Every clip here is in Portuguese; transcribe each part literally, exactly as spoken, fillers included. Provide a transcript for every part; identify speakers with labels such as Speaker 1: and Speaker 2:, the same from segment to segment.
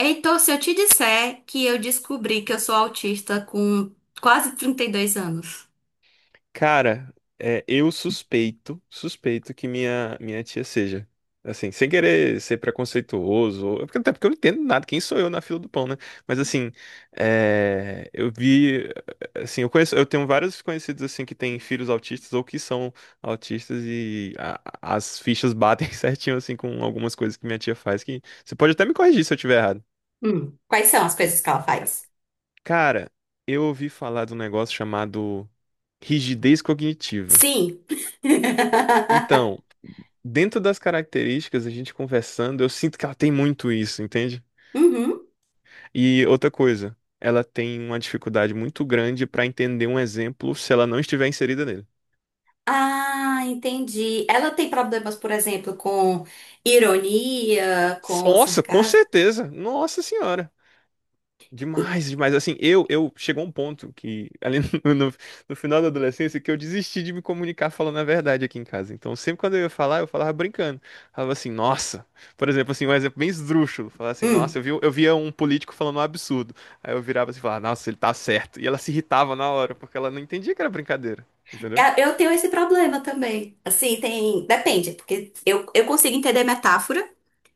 Speaker 1: Heitor, se eu te disser que eu descobri que eu sou autista com quase trinta e dois anos.
Speaker 2: Cara, é, eu suspeito, suspeito que minha, minha tia seja. Assim, sem querer ser preconceituoso, ou- porque- até porque eu não entendo nada, quem sou eu na fila do pão, né? Mas assim, é, eu vi, assim, eu conheço, eu tenho vários conhecidos assim que têm filhos autistas ou que são autistas e a- as fichas batem certinho assim com algumas coisas que minha tia faz que você pode até me corrigir se eu estiver errado.
Speaker 1: Hum, quais são as coisas que ela faz?
Speaker 2: Cara, eu ouvi falar de um negócio chamado rigidez cognitiva.
Speaker 1: Sim.
Speaker 2: Então, dentro das características, a gente conversando, eu sinto que ela tem muito isso, entende?
Speaker 1: Uhum.
Speaker 2: E outra coisa, ela tem uma dificuldade muito grande para entender um exemplo se ela não estiver inserida nele.
Speaker 1: Ah, entendi. Ela tem problemas, por exemplo, com ironia,
Speaker 2: S-
Speaker 1: com
Speaker 2: Nossa, com
Speaker 1: sarcasmo.
Speaker 2: certeza. Nossa senhora. Demais, demais. Assim, eu, eu chegou um ponto que, ali no, no, no final da adolescência, que eu desisti de me comunicar falando a verdade aqui em casa. Então, sempre quando eu ia falar, eu falava brincando. Falava assim, nossa. Por exemplo, assim, um exemplo bem esdrúxulo. Falava assim, nossa,
Speaker 1: Hum.
Speaker 2: eu vi, eu via um político falando um absurdo. Aí eu virava assim e falava, nossa, ele tá certo. E ela se irritava na hora, porque ela não entendia que era brincadeira. Entendeu?
Speaker 1: É, eu tenho esse problema também. Assim, tem. Depende, porque eu, eu consigo entender metáfora,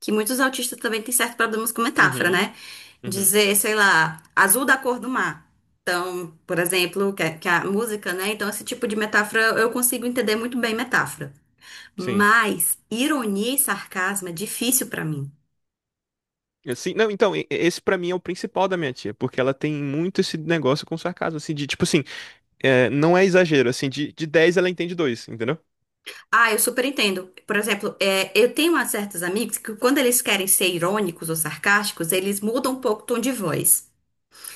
Speaker 1: que muitos autistas também têm certos problemas com metáfora,
Speaker 2: Uhum,
Speaker 1: né?
Speaker 2: uhum,
Speaker 1: Dizer, sei lá, azul da cor do mar. Então, por exemplo, que, a- que é a música, né? Então, esse tipo de metáfora eu consigo entender muito bem metáfora.
Speaker 2: sim.
Speaker 1: Mas ironia e sarcasmo é difícil pra mim.
Speaker 2: Assim, não, então, e- esse pra mim é o principal da minha tia, porque ela tem muito esse negócio com sarcasmo, assim, de tipo assim. É, não é exagero, assim, de, de dez ela entende dois, entendeu?
Speaker 1: Ah, eu super entendo. Por exemplo, é, eu tenho umas certos amigos que quando eles querem ser irônicos ou sarcásticos, eles mudam um pouco o tom de voz.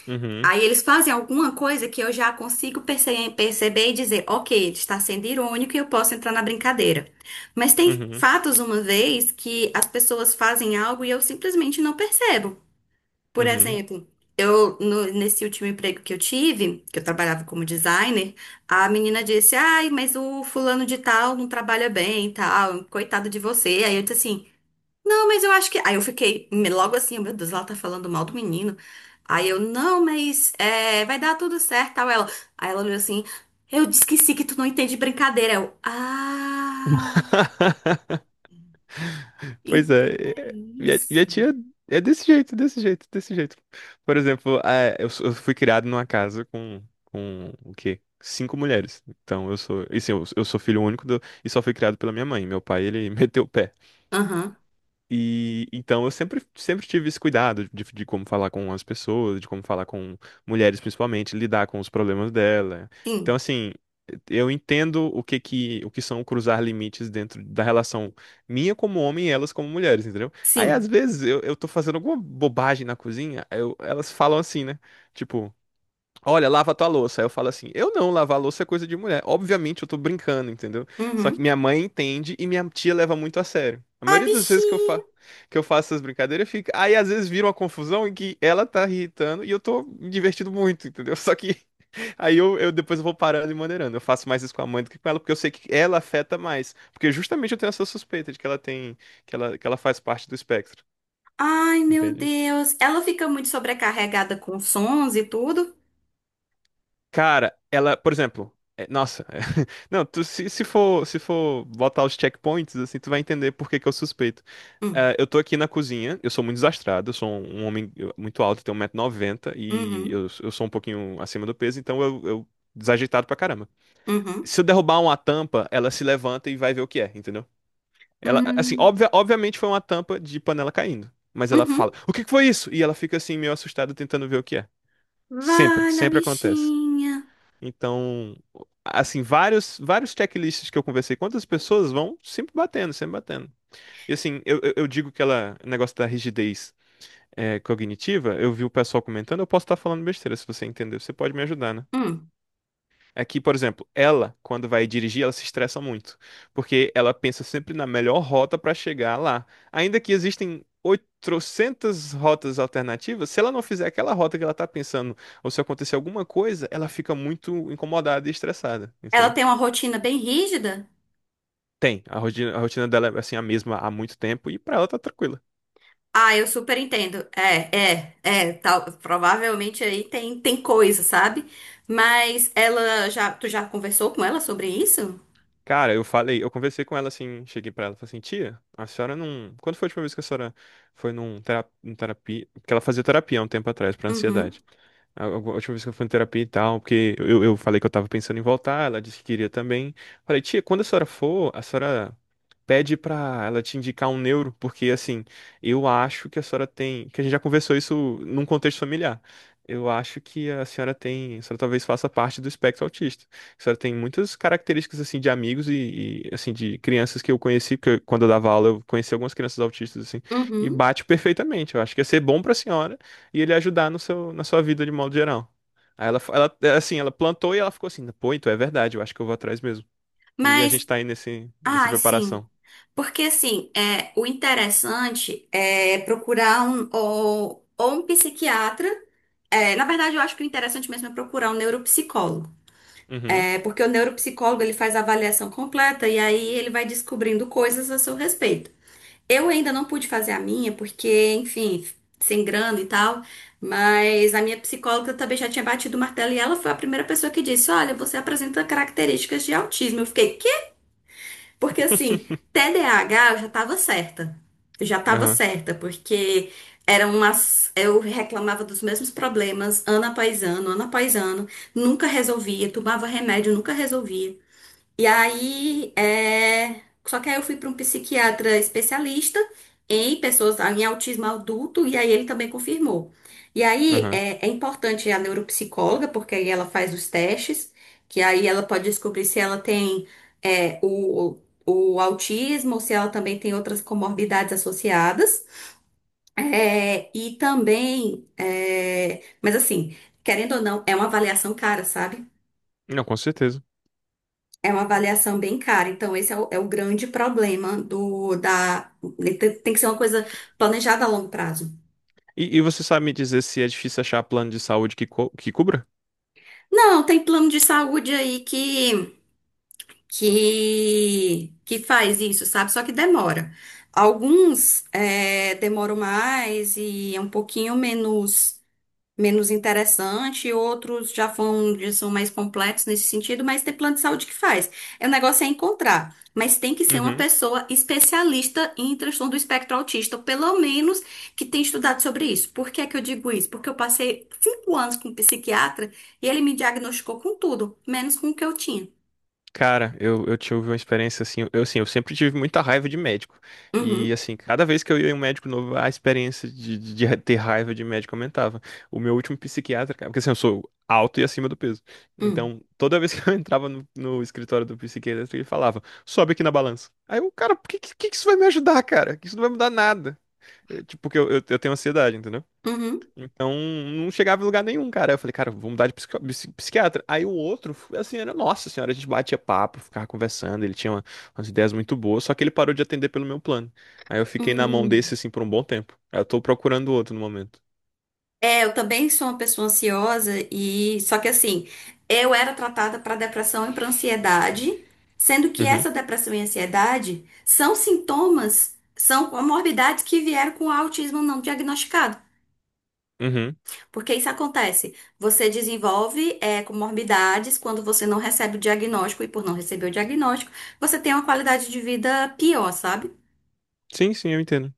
Speaker 2: Uhum,
Speaker 1: Aí eles fazem alguma coisa que eu já consigo perce- perceber e dizer, ok, ele está sendo irônico e eu posso entrar na brincadeira. Mas tem
Speaker 2: uhum,
Speaker 1: fatos uma vez que as pessoas fazem algo e eu simplesmente não percebo. Por
Speaker 2: uhum.
Speaker 1: exemplo, eu no- nesse último emprego que eu tive, que eu trabalhava como designer, a menina disse, ai, mas o fulano de tal não trabalha bem, e tal, coitado de você. Aí eu disse assim, não, mas eu acho que. Aí eu fiquei me- logo assim, meu Deus, ela tá falando mal do menino. Aí eu, não, mas é, vai dar tudo certo, tal. Ela, aí ela olhou assim, eu disse que sim, que tu não entende brincadeira. Eu, ah,
Speaker 2: Pois
Speaker 1: ent-
Speaker 2: é,
Speaker 1: é
Speaker 2: é- minha, minha
Speaker 1: isso.
Speaker 2: tia é desse jeito, desse jeito, desse jeito. Por exemplo, é, eu, sou- eu fui criado numa casa com, com o quê? Cinco mulheres. Então eu sou, e sim, eu, eu sou filho único do- e só fui criado pela minha mãe. Meu pai, ele meteu o pé.
Speaker 1: Aham,
Speaker 2: E então eu sempre, sempre tive esse cuidado de, de como falar com as pessoas, de como falar com mulheres principalmente, lidar com os problemas dela. Então,
Speaker 1: sim,
Speaker 2: assim, eu entendo o que que, o que são cruzar limites dentro da relação minha como homem e elas como mulheres, entendeu? Aí, às
Speaker 1: sim.
Speaker 2: vezes, eu, eu tô fazendo alguma bobagem na cozinha, eu- elas falam assim, né? Tipo. Olha, lava tua louça. Aí eu falo assim: eu não, lavar louça é coisa de mulher. Obviamente eu tô brincando, entendeu? Só que
Speaker 1: Uhum.
Speaker 2: minha mãe entende e minha tia leva muito a sério. A
Speaker 1: Ah,
Speaker 2: maioria das vezes que eu, fa
Speaker 1: bichinha.
Speaker 2: que eu faço essas brincadeiras fica. Aí às vezes vira uma confusão em que ela tá irritando e eu tô me divertindo muito, entendeu? Só que aí eu, eu depois eu vou parando e maneirando. Eu faço mais isso com a mãe do que com ela, porque eu sei que ela afeta mais. Porque justamente eu tenho essa suspeita de que ela tem, que ela, que ela faz parte do espectro,
Speaker 1: Ai, meu
Speaker 2: entende?
Speaker 1: Deus. Ela fica muito sobrecarregada com sons e tudo.
Speaker 2: Cara, ela, por exemplo, é- nossa, não, tu, se, se for, se for botar os checkpoints, assim, tu vai entender por que que eu suspeito.
Speaker 1: Hum.
Speaker 2: Eh, eu tô aqui na cozinha, eu sou muito desastrado, eu sou um um homem eu- muito alto, eu tenho 190 noventa e
Speaker 1: Uhum,
Speaker 2: eu, eu sou um pouquinho acima do peso, então eu, eu desajeitado pra caramba.
Speaker 1: uhum,
Speaker 2: Se eu derrubar uma tampa, ela se levanta e vai ver o que é, entendeu? Ela, assim,
Speaker 1: uhum,
Speaker 2: obvia, obviamente foi uma tampa de panela caindo, mas ela
Speaker 1: uhum.
Speaker 2: fala, o que que foi isso? E ela fica assim, meio assustada, tentando ver o que é. Sempre,
Speaker 1: Vale a
Speaker 2: sempre acontece.
Speaker 1: bichinha.
Speaker 2: Então, assim, vários, vários checklists que eu conversei com outras pessoas vão sempre batendo, sempre batendo. E assim, eu, eu eu digo que ela, o negócio da rigidez é, cognitiva, eu vi o pessoal comentando, eu posso estar falando besteira, se você entendeu, você pode me ajudar, né?
Speaker 1: Hum.
Speaker 2: É que, por exemplo, ela, quando vai dirigir, ela se estressa muito, porque ela pensa sempre na melhor rota para chegar lá. Ainda que existem oitocentas rotas alternativas, se ela não fizer aquela rota que ela tá pensando, ou se acontecer alguma coisa, ela fica muito incomodada e estressada,
Speaker 1: Ela
Speaker 2: entendeu?
Speaker 1: tem uma rotina bem rígida?
Speaker 2: Tem, a rotina, a rotina dela é assim a mesma há muito tempo e pra ela tá tranquila.
Speaker 1: Ah, eu super entendo. É, é, é, tal, provavelmente aí tem, tem coisa, sabe? Mas ela já, tu já conversou com ela sobre isso?
Speaker 2: Cara, eu falei, eu conversei com ela assim, cheguei pra ela, falei assim, tia, a senhora não, quando foi a última vez que a senhora foi num terapia, terapia, que ela fazia terapia há um tempo atrás pra
Speaker 1: Uhum,
Speaker 2: ansiedade? A a última vez que eu fui em terapia e tal, porque eu, eu falei que eu tava pensando em voltar, ela disse que queria também. Falei, tia, quando a senhora for, a senhora pede pra ela te indicar um neuro, porque assim, eu acho que a senhora tem, que a gente já conversou isso num contexto familiar. Eu acho que a senhora tem, a senhora talvez faça parte do espectro autista. A senhora tem muitas características assim de amigos e, e, assim de crianças que eu conheci, porque eu- quando eu dava aula eu conheci algumas crianças autistas assim, e
Speaker 1: uhum.
Speaker 2: bate perfeitamente. Eu acho que ia ser bom pra senhora e ele ajudar no seu, na sua vida de modo geral. Aí ela, ela, é assim, ela plantou e ela ficou assim, pô, então é verdade, eu acho que eu vou atrás mesmo. E a gente
Speaker 1: Mas,
Speaker 2: tá aí nesse, nessa
Speaker 1: ah, sim.
Speaker 2: preparação.
Speaker 1: Porque assim, é, o interessante é procurar um ou, ou um psiquiatra. É, na verdade, eu acho que o interessante mesmo é procurar um neuropsicólogo.
Speaker 2: Uhum.
Speaker 1: É porque o neuropsicólogo ele faz a avaliação completa e aí ele vai descobrindo coisas a seu respeito. Eu ainda não pude fazer a minha, porque, enfim, sem grana e tal, mas a minha psicóloga também já tinha batido o martelo e ela foi a primeira pessoa que disse: Olha, você apresenta características de autismo. Eu fiquei, quê? Porque assim, T D A H eu já tava certa. Eu já tava
Speaker 2: Aham,
Speaker 1: certa, porque eram umas. Eu reclamava dos mesmos problemas ano após ano, ano após ano, nunca resolvia, tomava remédio, nunca resolvia. E aí, é... só que aí eu fui para um psiquiatra especialista em pessoas em autismo adulto, e aí ele também confirmou. E aí
Speaker 2: aham.
Speaker 1: é, é importante a neuropsicóloga, porque aí ela faz os testes, que aí ela pode descobrir se ela tem é, o, o autismo ou se ela também tem outras comorbidades associadas. É, e também, é, mas assim, querendo ou não, é uma avaliação cara, sabe?
Speaker 2: Não, com certeza.
Speaker 1: É uma avaliação bem cara, então esse é o, é o grande problema do da tem, tem que ser uma coisa planejada a longo prazo.
Speaker 2: E, e você sabe me dizer se é difícil achar plano de saúde que, co- que cubra?
Speaker 1: Não, tem plano de saúde aí que que que faz isso, sabe? Só que demora. Alguns é, demoram mais e é um pouquinho menos menos interessante, outros já vão, já são mais completos nesse sentido, mas tem plano de saúde que faz. É, o negócio é encontrar, mas tem que ser uma
Speaker 2: Uhum.
Speaker 1: pessoa especialista em transtorno do espectro autista, ou pelo menos que tenha estudado sobre isso. Por que é que eu digo isso? Porque eu passei cinco anos com um psiquiatra e ele me diagnosticou com tudo, menos com o que eu tinha.
Speaker 2: Cara, eu, eu tive uma experiência assim. Eu, assim, eu sempre tive muita raiva de médico. E,
Speaker 1: Uhum,
Speaker 2: assim, cada vez que eu ia em um médico novo, a experiência de, de, de ter raiva de médico aumentava. O meu último psiquiatra, cara, porque assim, eu sou alto e acima do peso.
Speaker 1: hum,
Speaker 2: Então, toda vez que eu entrava no, no escritório do psiquiatra, ele falava: sobe aqui na balança. Aí eu, cara, por que, que, que isso vai me ajudar, cara? Que isso não vai mudar nada. Eu, tipo, porque eu, eu, eu tenho ansiedade, entendeu?
Speaker 1: uhum,
Speaker 2: Então, não chegava em lugar nenhum, cara. Eu falei, cara, vou mudar de psico- psi- psiquiatra. Aí o outro, assim, era, nossa senhora, a gente batia papo, ficava conversando, ele tinha uma- umas ideias muito boas, só que ele parou de atender pelo meu plano. Aí eu fiquei
Speaker 1: uhum,
Speaker 2: na mão desse,
Speaker 1: uhum.
Speaker 2: assim, por um bom tempo. Aí eu tô procurando outro no momento.
Speaker 1: É, eu também sou uma pessoa ansiosa e só que assim, eu era tratada para depressão e para ansiedade, sendo que
Speaker 2: Uhum,
Speaker 1: essa depressão e ansiedade são sintomas, são comorbidades que vieram com autismo não diagnosticado.
Speaker 2: uhum.
Speaker 1: Porque isso acontece, você desenvolve é, comorbidades quando você não recebe o diagnóstico e por não receber o diagnóstico, você tem uma qualidade de vida pior, sabe?
Speaker 2: Sim, sim, eu entendo.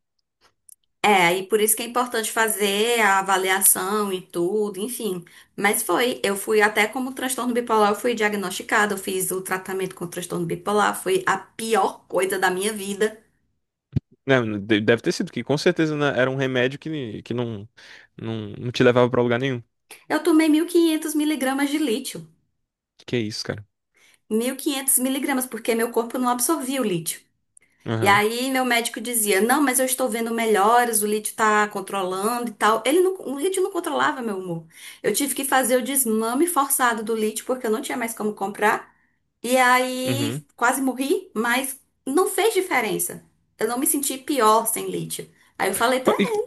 Speaker 1: É, e por isso que é importante fazer a avaliação e tudo, enfim. Mas foi, eu fui até como transtorno bipolar, eu fui diagnosticada, eu fiz o tratamento com transtorno bipolar, foi a pior coisa da minha vida.
Speaker 2: Não, não, de- deve ter sido, porque com certeza né, era um remédio que, que não, não, não te levava pra lugar nenhum.
Speaker 1: Eu tomei mil e quinhentos miligramas de lítio.
Speaker 2: Que que é isso, cara?
Speaker 1: Mil e quinhentos miligramas, porque meu corpo não absorvia o lítio. E
Speaker 2: Aham,
Speaker 1: aí meu médico dizia, não, mas eu estou vendo melhoras, o lítio tá controlando e tal. Ele não, o lítio não controlava meu humor. Eu tive que fazer o desmame forçado do lítio, porque eu não tinha mais como comprar. E aí
Speaker 2: uhum.
Speaker 1: quase morri, mas não fez diferença. Eu não me senti pior sem lítio. Aí eu falei pra
Speaker 2: Qu- E,
Speaker 1: ela.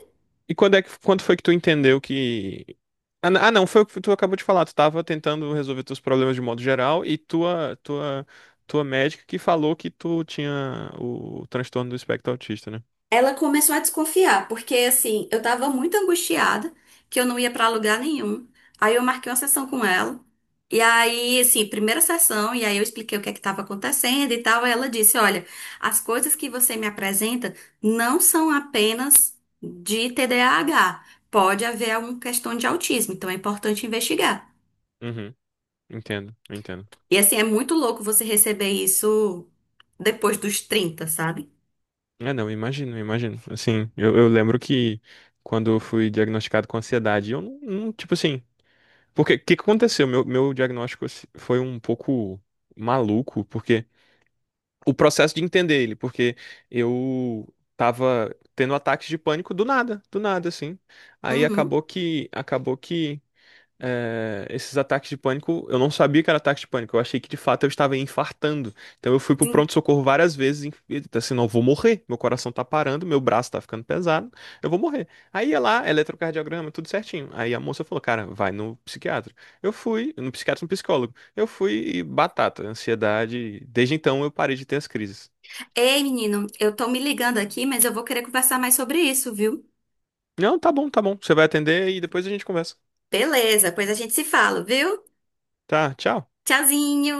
Speaker 2: e quando é que, quando foi que tu entendeu que Ah, n- ah, não, foi o que tu acabou de falar. Tu tava tentando resolver teus problemas de modo geral e tua, tua, tua médica que falou que tu tinha o transtorno do espectro autista, né?
Speaker 1: Ela começou a desconfiar, porque assim, eu tava muito angustiada, que eu não ia pra lugar nenhum. Aí eu marquei uma sessão com ela. E aí, assim, primeira sessão, e aí eu expliquei o que é que estava acontecendo e tal. Aí ela disse: Olha, as coisas que você me apresenta não são apenas de T D A H. Pode haver alguma questão de autismo, então é importante investigar.
Speaker 2: Uhum, entendo, entendo.
Speaker 1: E assim, é muito louco você receber isso depois dos trinta sabe?
Speaker 2: É, não, imagino, imagino. Assim, eu, eu lembro que quando eu fui diagnosticado com ansiedade, eu não, não- tipo assim, porque o que que aconteceu? Meu, meu diagnóstico assim, foi um pouco maluco, porque o processo de entender ele, porque eu tava tendo ataques de pânico do nada, do nada, assim. Aí
Speaker 1: Uhum.
Speaker 2: acabou que, acabou que é, esses ataques de pânico, eu não sabia que era ataque de pânico, eu achei que de fato eu estava infartando. Então eu fui pro
Speaker 1: Sim.
Speaker 2: pronto-socorro várias vezes, em- e, tipo assim, não, eu vou morrer, meu coração tá parando, meu braço tá ficando pesado, eu vou morrer. Aí ia lá, eletrocardiograma, tudo certinho. Aí a moça falou, cara, vai no psiquiatra. Eu fui, no psiquiatra, no psicólogo. Eu fui e batata, ansiedade. Desde então eu parei de ter as crises.
Speaker 1: Ei, menino, eu tô me ligando aqui, mas eu vou querer conversar mais sobre isso, viu?
Speaker 2: Não, tá bom, tá bom, você vai atender e depois a gente conversa.
Speaker 1: Beleza, pois a gente se fala, viu?
Speaker 2: Tá, tchau.
Speaker 1: Tchauzinho!